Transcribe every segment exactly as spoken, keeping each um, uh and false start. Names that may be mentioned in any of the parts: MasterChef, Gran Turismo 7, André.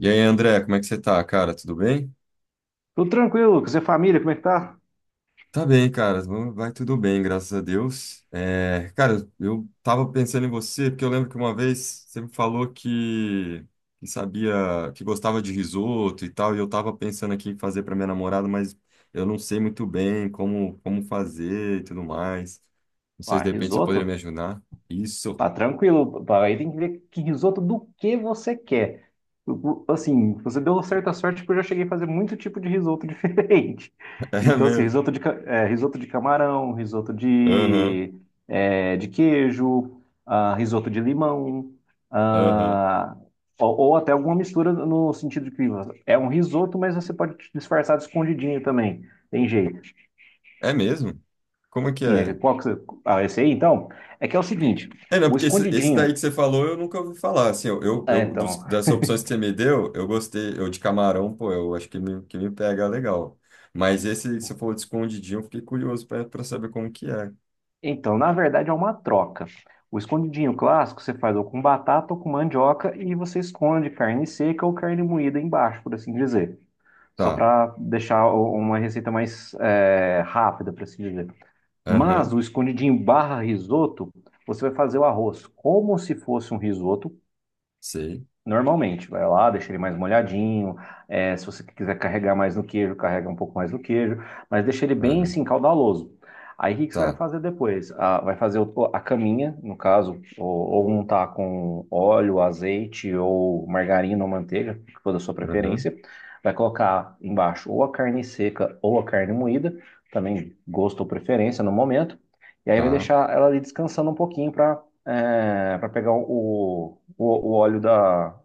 E aí, André, como é que você tá, cara? Tudo bem? Tudo tranquilo, Lucas. E a família, como é que tá? Tá bem, cara. Vamos- Vai tudo bem, graças a Deus. É, cara, eu tava pensando em você, porque eu lembro que uma vez você me falou que, que sabia, que gostava de risoto e tal, e eu tava pensando aqui em fazer pra minha namorada, mas eu não sei muito bem como, como fazer e tudo mais. Não sei se Ah, de repente você poderia me risoto? ajudar. Isso. Tá tranquilo, pá. Aí tem que ver que risoto do que você quer. O- o- Assim, você deu certa sorte porque eu já cheguei a fazer muito tipo de risoto diferente. É Então, assim, mesmo. risoto de, ca- é, risoto de camarão, risoto Aham, de, é, de queijo, ah, risoto de limão, aham. ah, ou, ou até alguma mistura no sentido de que é um risoto, mas você pode disfarçar de escondidinho também. Tem jeito. É mesmo? Como é que Sim, é, é? qual que você... Ah, esse aí, então? É que é o seguinte, É, não, o porque esse, esse daí escondidinho... que você falou eu nunca ouvi falar. Assim, eu, eu, É, eu- dos- então, das opções que você me deu, eu gostei. Eu de camarão, pô, eu acho que me, que me pega legal. Mas esse, que você falou de escondidinho, eu fiquei curioso para pra saber como que é. então, na verdade é uma troca. O escondidinho clássico você faz ou com batata ou com mandioca e você esconde carne seca ou carne moída embaixo, por assim dizer. Só Tá. para deixar o- uma receita mais é, rápida, por assim dizer. Mas Aham. o escondidinho barra risoto, você vai fazer o arroz como se fosse um risoto. Sei. Normalmente, vai lá, deixa ele mais molhadinho. É, se você quiser carregar mais no queijo, carrega um pouco mais no queijo, mas deixa ele bem Aham. assim, caudaloso. Aí o que que você vai Tá. fazer depois? Ah, vai fazer o- a caminha, no caso, ou, ou untar com óleo, azeite, ou margarina ou manteiga, que for da sua Aham. preferência. Vai colocar embaixo ou a carne seca ou a carne moída, também gosto ou preferência no momento. E aí vai Tá. deixar ela ali descansando um pouquinho para para pegar o, o, o óleo da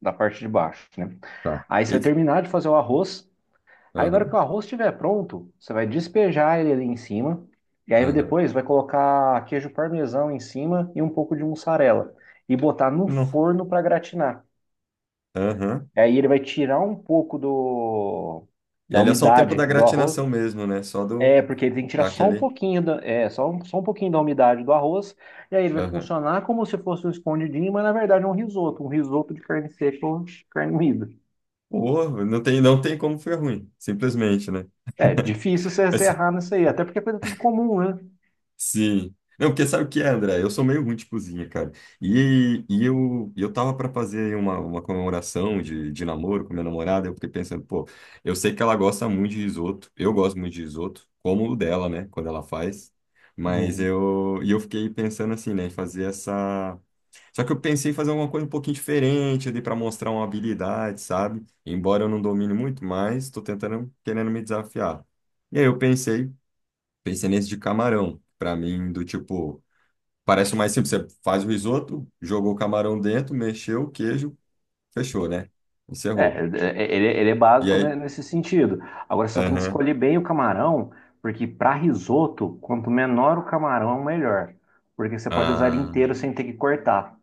da parte de baixo, né? Tá. Aí você vai Esse- terminar de fazer o arroz. Aí na hora que Aham. o arroz estiver pronto, você vai despejar ele ali em cima. E aí Aham. depois vai colocar queijo parmesão em cima e um pouco de mussarela. E botar no Não. forno para gratinar. Aham. Aí ele vai tirar um pouco do, E da ali é só o tempo umidade da do arroz. gratinação mesmo, né? Só do É, porque ele tem que tirar só um daquele. pouquinho da, é, só, um, só um pouquinho da umidade do arroz, e aí ele vai Aham. funcionar como se fosse um escondidinho, mas na verdade é um risoto, um risoto de carne seca ou de carne moída. Pô, não tem, não tem como ficar ruim. Simplesmente, né? É difícil você, você Mas errar nisso aí, até porque é coisa tudo comum, né? sim. Não, porque sabe o que é, André? Eu sou meio ruim de cozinha, cara. E, e eu, e eu tava para fazer uma, uma comemoração de, de namoro com minha namorada. Eu fiquei pensando, pô, eu sei que ela gosta muito de risoto. Eu gosto muito de risoto, como o dela, né? Quando ela faz. Mas Uhum. eu, e eu fiquei pensando assim, né? em Fazer essa. Só que eu pensei em fazer alguma coisa um pouquinho diferente ali para mostrar uma habilidade, sabe? Embora eu não domine muito, mas tô tentando, querendo me desafiar. E aí eu pensei Pensei nesse de camarão. Pra mim, do tipo, parece o mais simples. Você faz o risoto, jogou o camarão dentro, mexeu o queijo, fechou, né? É, Encerrou. é, é, ele, ele é E básico, né, aí? nesse sentido. Agora só tem que Aham. escolher bem o camarão, porque para risoto, quanto menor o camarão, melhor. Porque você pode usar ele Ah, inteiro sem ter que cortar.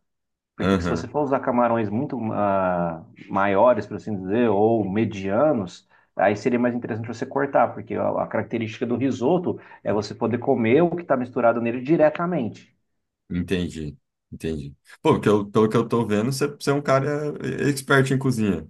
Porque se você aham. for usar camarões muito ah, maiores, por assim dizer, ou medianos, aí seria mais interessante você cortar, porque a, a característica do risoto é você poder comer o que está misturado nele diretamente. Entendi. Entendi. Pô, porque eu, pelo que eu tô vendo, você, você é um cara expert em cozinha.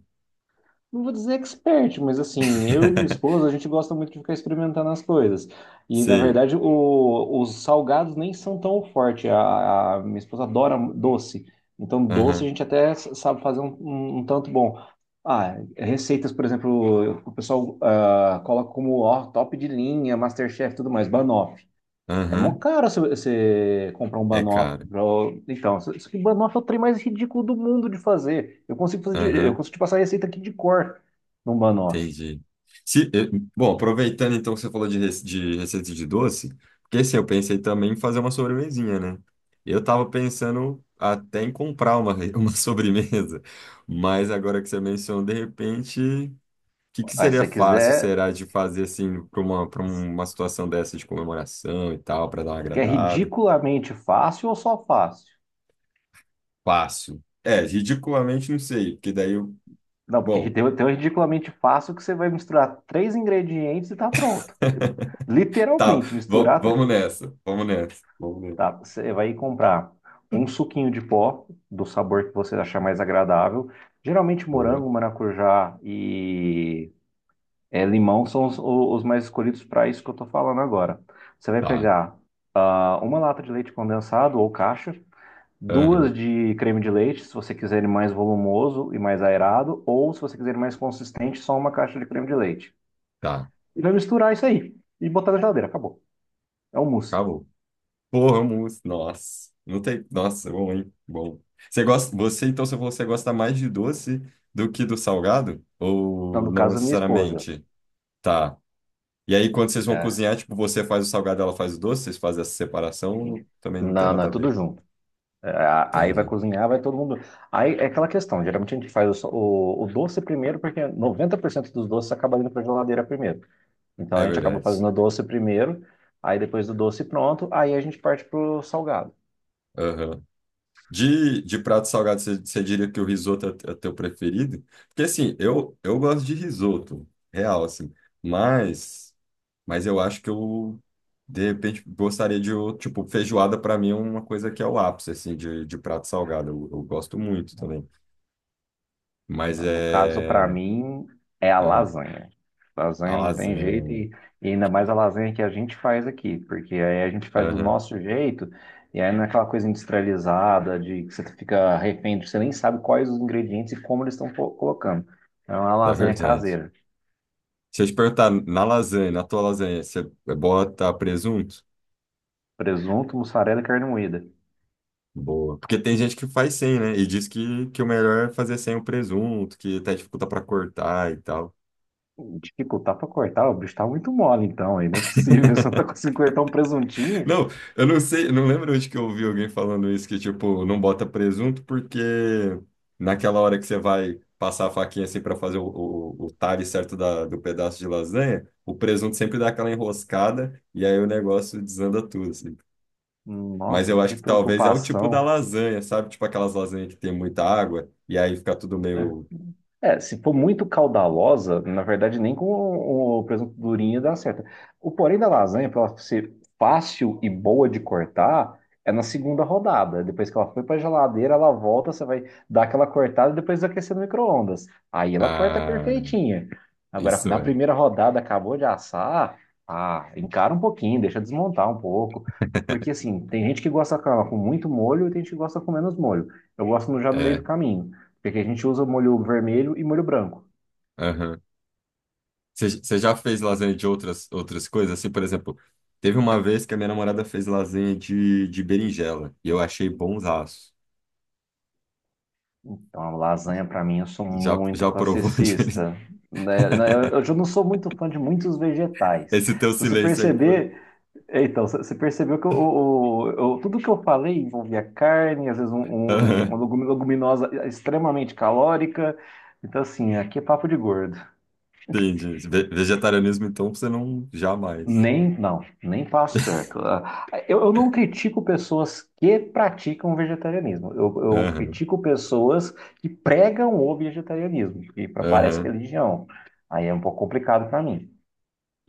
Não vou dizer expert, mas assim, eu e minha esposa, a gente gosta muito de ficar experimentando as coisas. E na Sei. verdade, o- os salgados nem são tão fortes. A, a minha esposa adora doce. Então, doce a Aham. gente até s- sabe fazer um, um- um tanto bom. Ah, receitas, por exemplo, o pessoal ah, coloca como ó, top de linha, Masterchef e tudo mais, banoffee. É mó Aham. caro você você comprar um É banoffee. caro. pra- Então, só só que Banoff é o trem mais ridículo do mundo de fazer. Eu consigo fazer, de- eu Aham. consigo te passar a receita aqui de cor num banoffee. Entendi. Se, eh, Bom, aproveitando então que você falou de, rece- de receita de doce, porque assim, eu pensei também em fazer uma sobremesinha, né? Eu tava pensando até em comprar uma, re- uma sobremesa, mas agora que você mencionou, de repente, o que, que Aí, se seria você fácil, quiser, será, de fazer assim para uma, para uma situação dessa de comemoração e tal, para dar uma você quer agradada? ridiculamente fácil ou só fácil? Fácil. É, ridiculamente não sei, porque daí eu. Não, porque Bom, tem, tem o ridiculamente fácil que você vai misturar três ingredientes e tá pronto. tá, Literalmente, va- misturar. tr- vamos nessa, vamos nessa, vamos nessa. Tá, você vai comprar um suquinho de pó do sabor que você achar mais agradável. Geralmente Boa, morango, maracujá e É, limão são os, o- os mais escolhidos para isso que eu estou falando agora. Você vai tá. pegar ah, uma lata de leite condensado ou caixa, duas Aham. de creme de leite, se você quiser ele mais volumoso e mais aerado, ou se você quiser ele mais consistente, só uma caixa de creme de leite. Tá, E vai misturar isso aí e botar na geladeira, acabou. É um mousse. acabou. Vamos. Nossa, não tem. Nossa, é bom, hein? Bom. Você gosta, você, então, se você gosta mais de doce do que do salgado? Não, Ou no não caso, minha esposa. necessariamente? Tá. E aí, quando vocês vão É. cozinhar, tipo, você faz o salgado, ela faz o doce, vocês fazem essa separação, ou também não tem Não, não, é nada a tudo ver. junto. É, a- aí vai Entendi. cozinhar, vai todo mundo. Aí é aquela questão, geralmente a gente faz o, so- o o doce primeiro, porque noventa por cento dos doces acaba indo para geladeira primeiro. Então É a gente acaba verdade. fazendo o doce primeiro, aí depois do doce pronto, aí a gente parte pro salgado. Aham. De, de prato salgado, você, você diria que o risoto é, é teu preferido? Porque, assim, eu, eu gosto de risoto, real, assim. Mas. Mas eu acho que eu, de repente, gostaria de, o- tipo, feijoada para mim é uma coisa que é o ápice, assim, de, de prato salgado. Eu, eu gosto muito também. Mas No no caso, para é... mim, é a ah, lasanha. a Lasanha não tem jeito lasanha. e, e ainda mais a lasanha que a gente faz aqui, porque aí a gente faz do Aham, nosso jeito e aí não é aquela coisa industrializada de que você fica refém, de- você nem sabe quais os ingredientes e como eles estão po- colocando. Então, é uma é lasanha verdade. caseira, Se eu te perguntar, na lasanha, na tua lasanha, você bota presunto? presunto, mussarela e carne moída. Boa. Porque tem gente que faz sem, né? E diz que, que o melhor é fazer sem o presunto, que até dificulta para cortar e tal. Dificultar pra cortar, o bicho tá muito mole então, aí não é possível. Você não tá conseguindo cortar um presuntinho? Não, eu não sei, eu não lembro onde que eu ouvi alguém falando isso, que tipo, não bota presunto porque naquela hora que você vai passar a faquinha assim para fazer o, o, o talhe certo da, do pedaço de lasanha, o presunto sempre dá aquela enroscada e aí o negócio desanda tudo, assim. Mas Nossa, eu acho que que talvez é o tipo da preocupação. lasanha, sabe? Tipo aquelas lasanhas que tem muita água e aí fica tudo meio... É, se for muito caudalosa, na verdade, nem com o, o presunto durinho dá certo. O porém da lasanha, para ela ser fácil e boa de cortar, é na segunda rodada. Depois que ela foi para a geladeira, ela volta, você vai dar aquela cortada e depois aquecer no micro-ondas. Aí ela corta Ah, perfeitinha. Agora, isso na é. primeira rodada, acabou de assar, ah, encara um pouquinho, deixa desmontar um pouco. Porque, assim, tem gente que gosta com ela com muito molho e tem gente que gosta com menos molho. Eu gosto no- já no meio do É, caminho. Porque a gente usa molho vermelho e molho branco. aham. Você você já fez lasanha de outras, outras coisas? Assim, por exemplo, teve uma vez que a minha namorada fez lasanha de, de berinjela e eu achei bonzaço. Então, a lasanha, para mim, eu sou Já, muito já provou de- classicista. Né? Né, Eu eu já não sou muito fã de muitos vegetais. esse teu Se você silêncio aí foi. perceber, é, então, você você percebeu que eu- o- o- eu- tudo que eu falei envolvia carne, às vezes um- um- Aham, uma legumi- leguminosa extremamente calórica. Então, assim, aqui é papo de gordo. entendi. Ve- Vegetarianismo, então, você não jamais. Nem, não, nem passo perto. Ah, Eu, eu não critico pessoas que praticam vegetarianismo. Eu, eu Aham, critico pessoas que pregam o vegetarianismo, que pra- parece aham. religião. Aí é um pouco complicado para mim.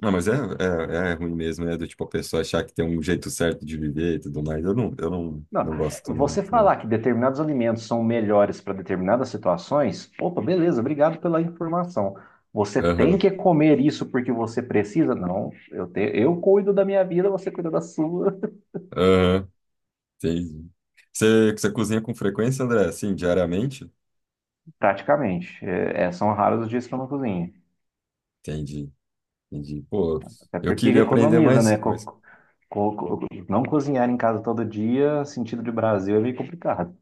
Não, mas é, é, é ruim mesmo, né? Do tipo a pessoa achar que tem um jeito certo de viver e tudo mais. Eu não, eu não, Não, não gosto também você muito, não. falar que determinados alimentos são melhores para determinadas situações, opa, beleza, obrigado pela informação. Você tem Aham, que comer isso porque você precisa? Não, eu, te, eu cuido da minha vida, você cuida da sua. aham, entendi. Você, você cozinha com frequência, André? Assim, diariamente? Praticamente. É, é, são raros os dias que eu não cozinho. Entendi, entendi. Pô, Até eu porque queria aprender economiza, mais né? coisas. Co- co- co- não cozinhar em casa todo dia, sentido de Brasil, é meio complicado.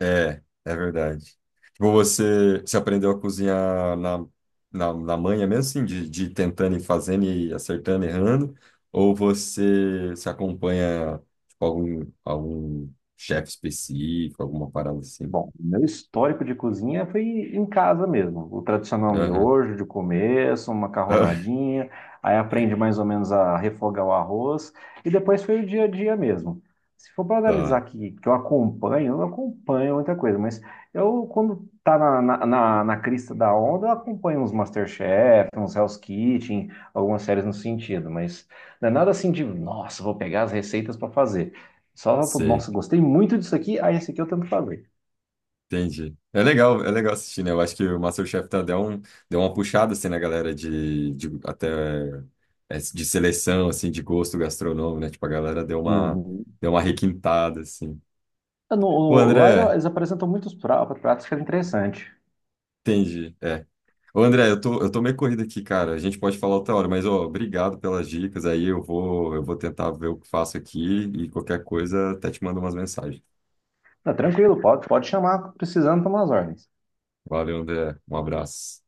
É, é verdade. Tipo, você, você aprendeu a cozinhar na, na, na manha mesmo, assim, de, de ir tentando e fazendo e acertando, errando? Ou você se acompanha, tipo, algum, algum chefe específico, alguma parada assim? Bom, meu histórico de cozinha foi em casa mesmo. O tradicional Aham. miojo de começo, uma Ah, macarronadinha, aí aprende mais ou menos a refogar o arroz, e depois foi o dia a dia mesmo. Se for para tá, analisar aqui, que eu acompanho, eu não acompanho muita coisa, mas eu, quando tá na, na, na, na crista da onda, eu acompanho uns MasterChef, uns Hell's Kitchen, algumas séries nesse sentido, mas não é nada assim de, nossa, vou pegar as receitas para fazer. Só, sei. nossa, gostei muito disso aqui, aí esse aqui eu tento fazer. Entendi. É legal, é legal assistir, né? Eu acho que o MasterChef tá, deu, um, deu uma puxada, assim, na galera de, de até é, de seleção, assim, de gosto gastronômico, né? Tipo, a galera deu uma, Uhum. deu uma requintada, assim. É, No, Ô, no- lá André, eles apresentam muitos pra- pratos que é interessante. entendi, é. Ô, André, eu tô, eu tô meio corrido aqui, cara. A gente pode falar outra hora, mas, ó, obrigado pelas dicas. Aí eu vou, eu vou tentar ver o que faço aqui e qualquer coisa até te mando umas mensagens. Tá tranquilo, pode, pode chamar precisando tomar as ordens. Valeu, André. Um abraço.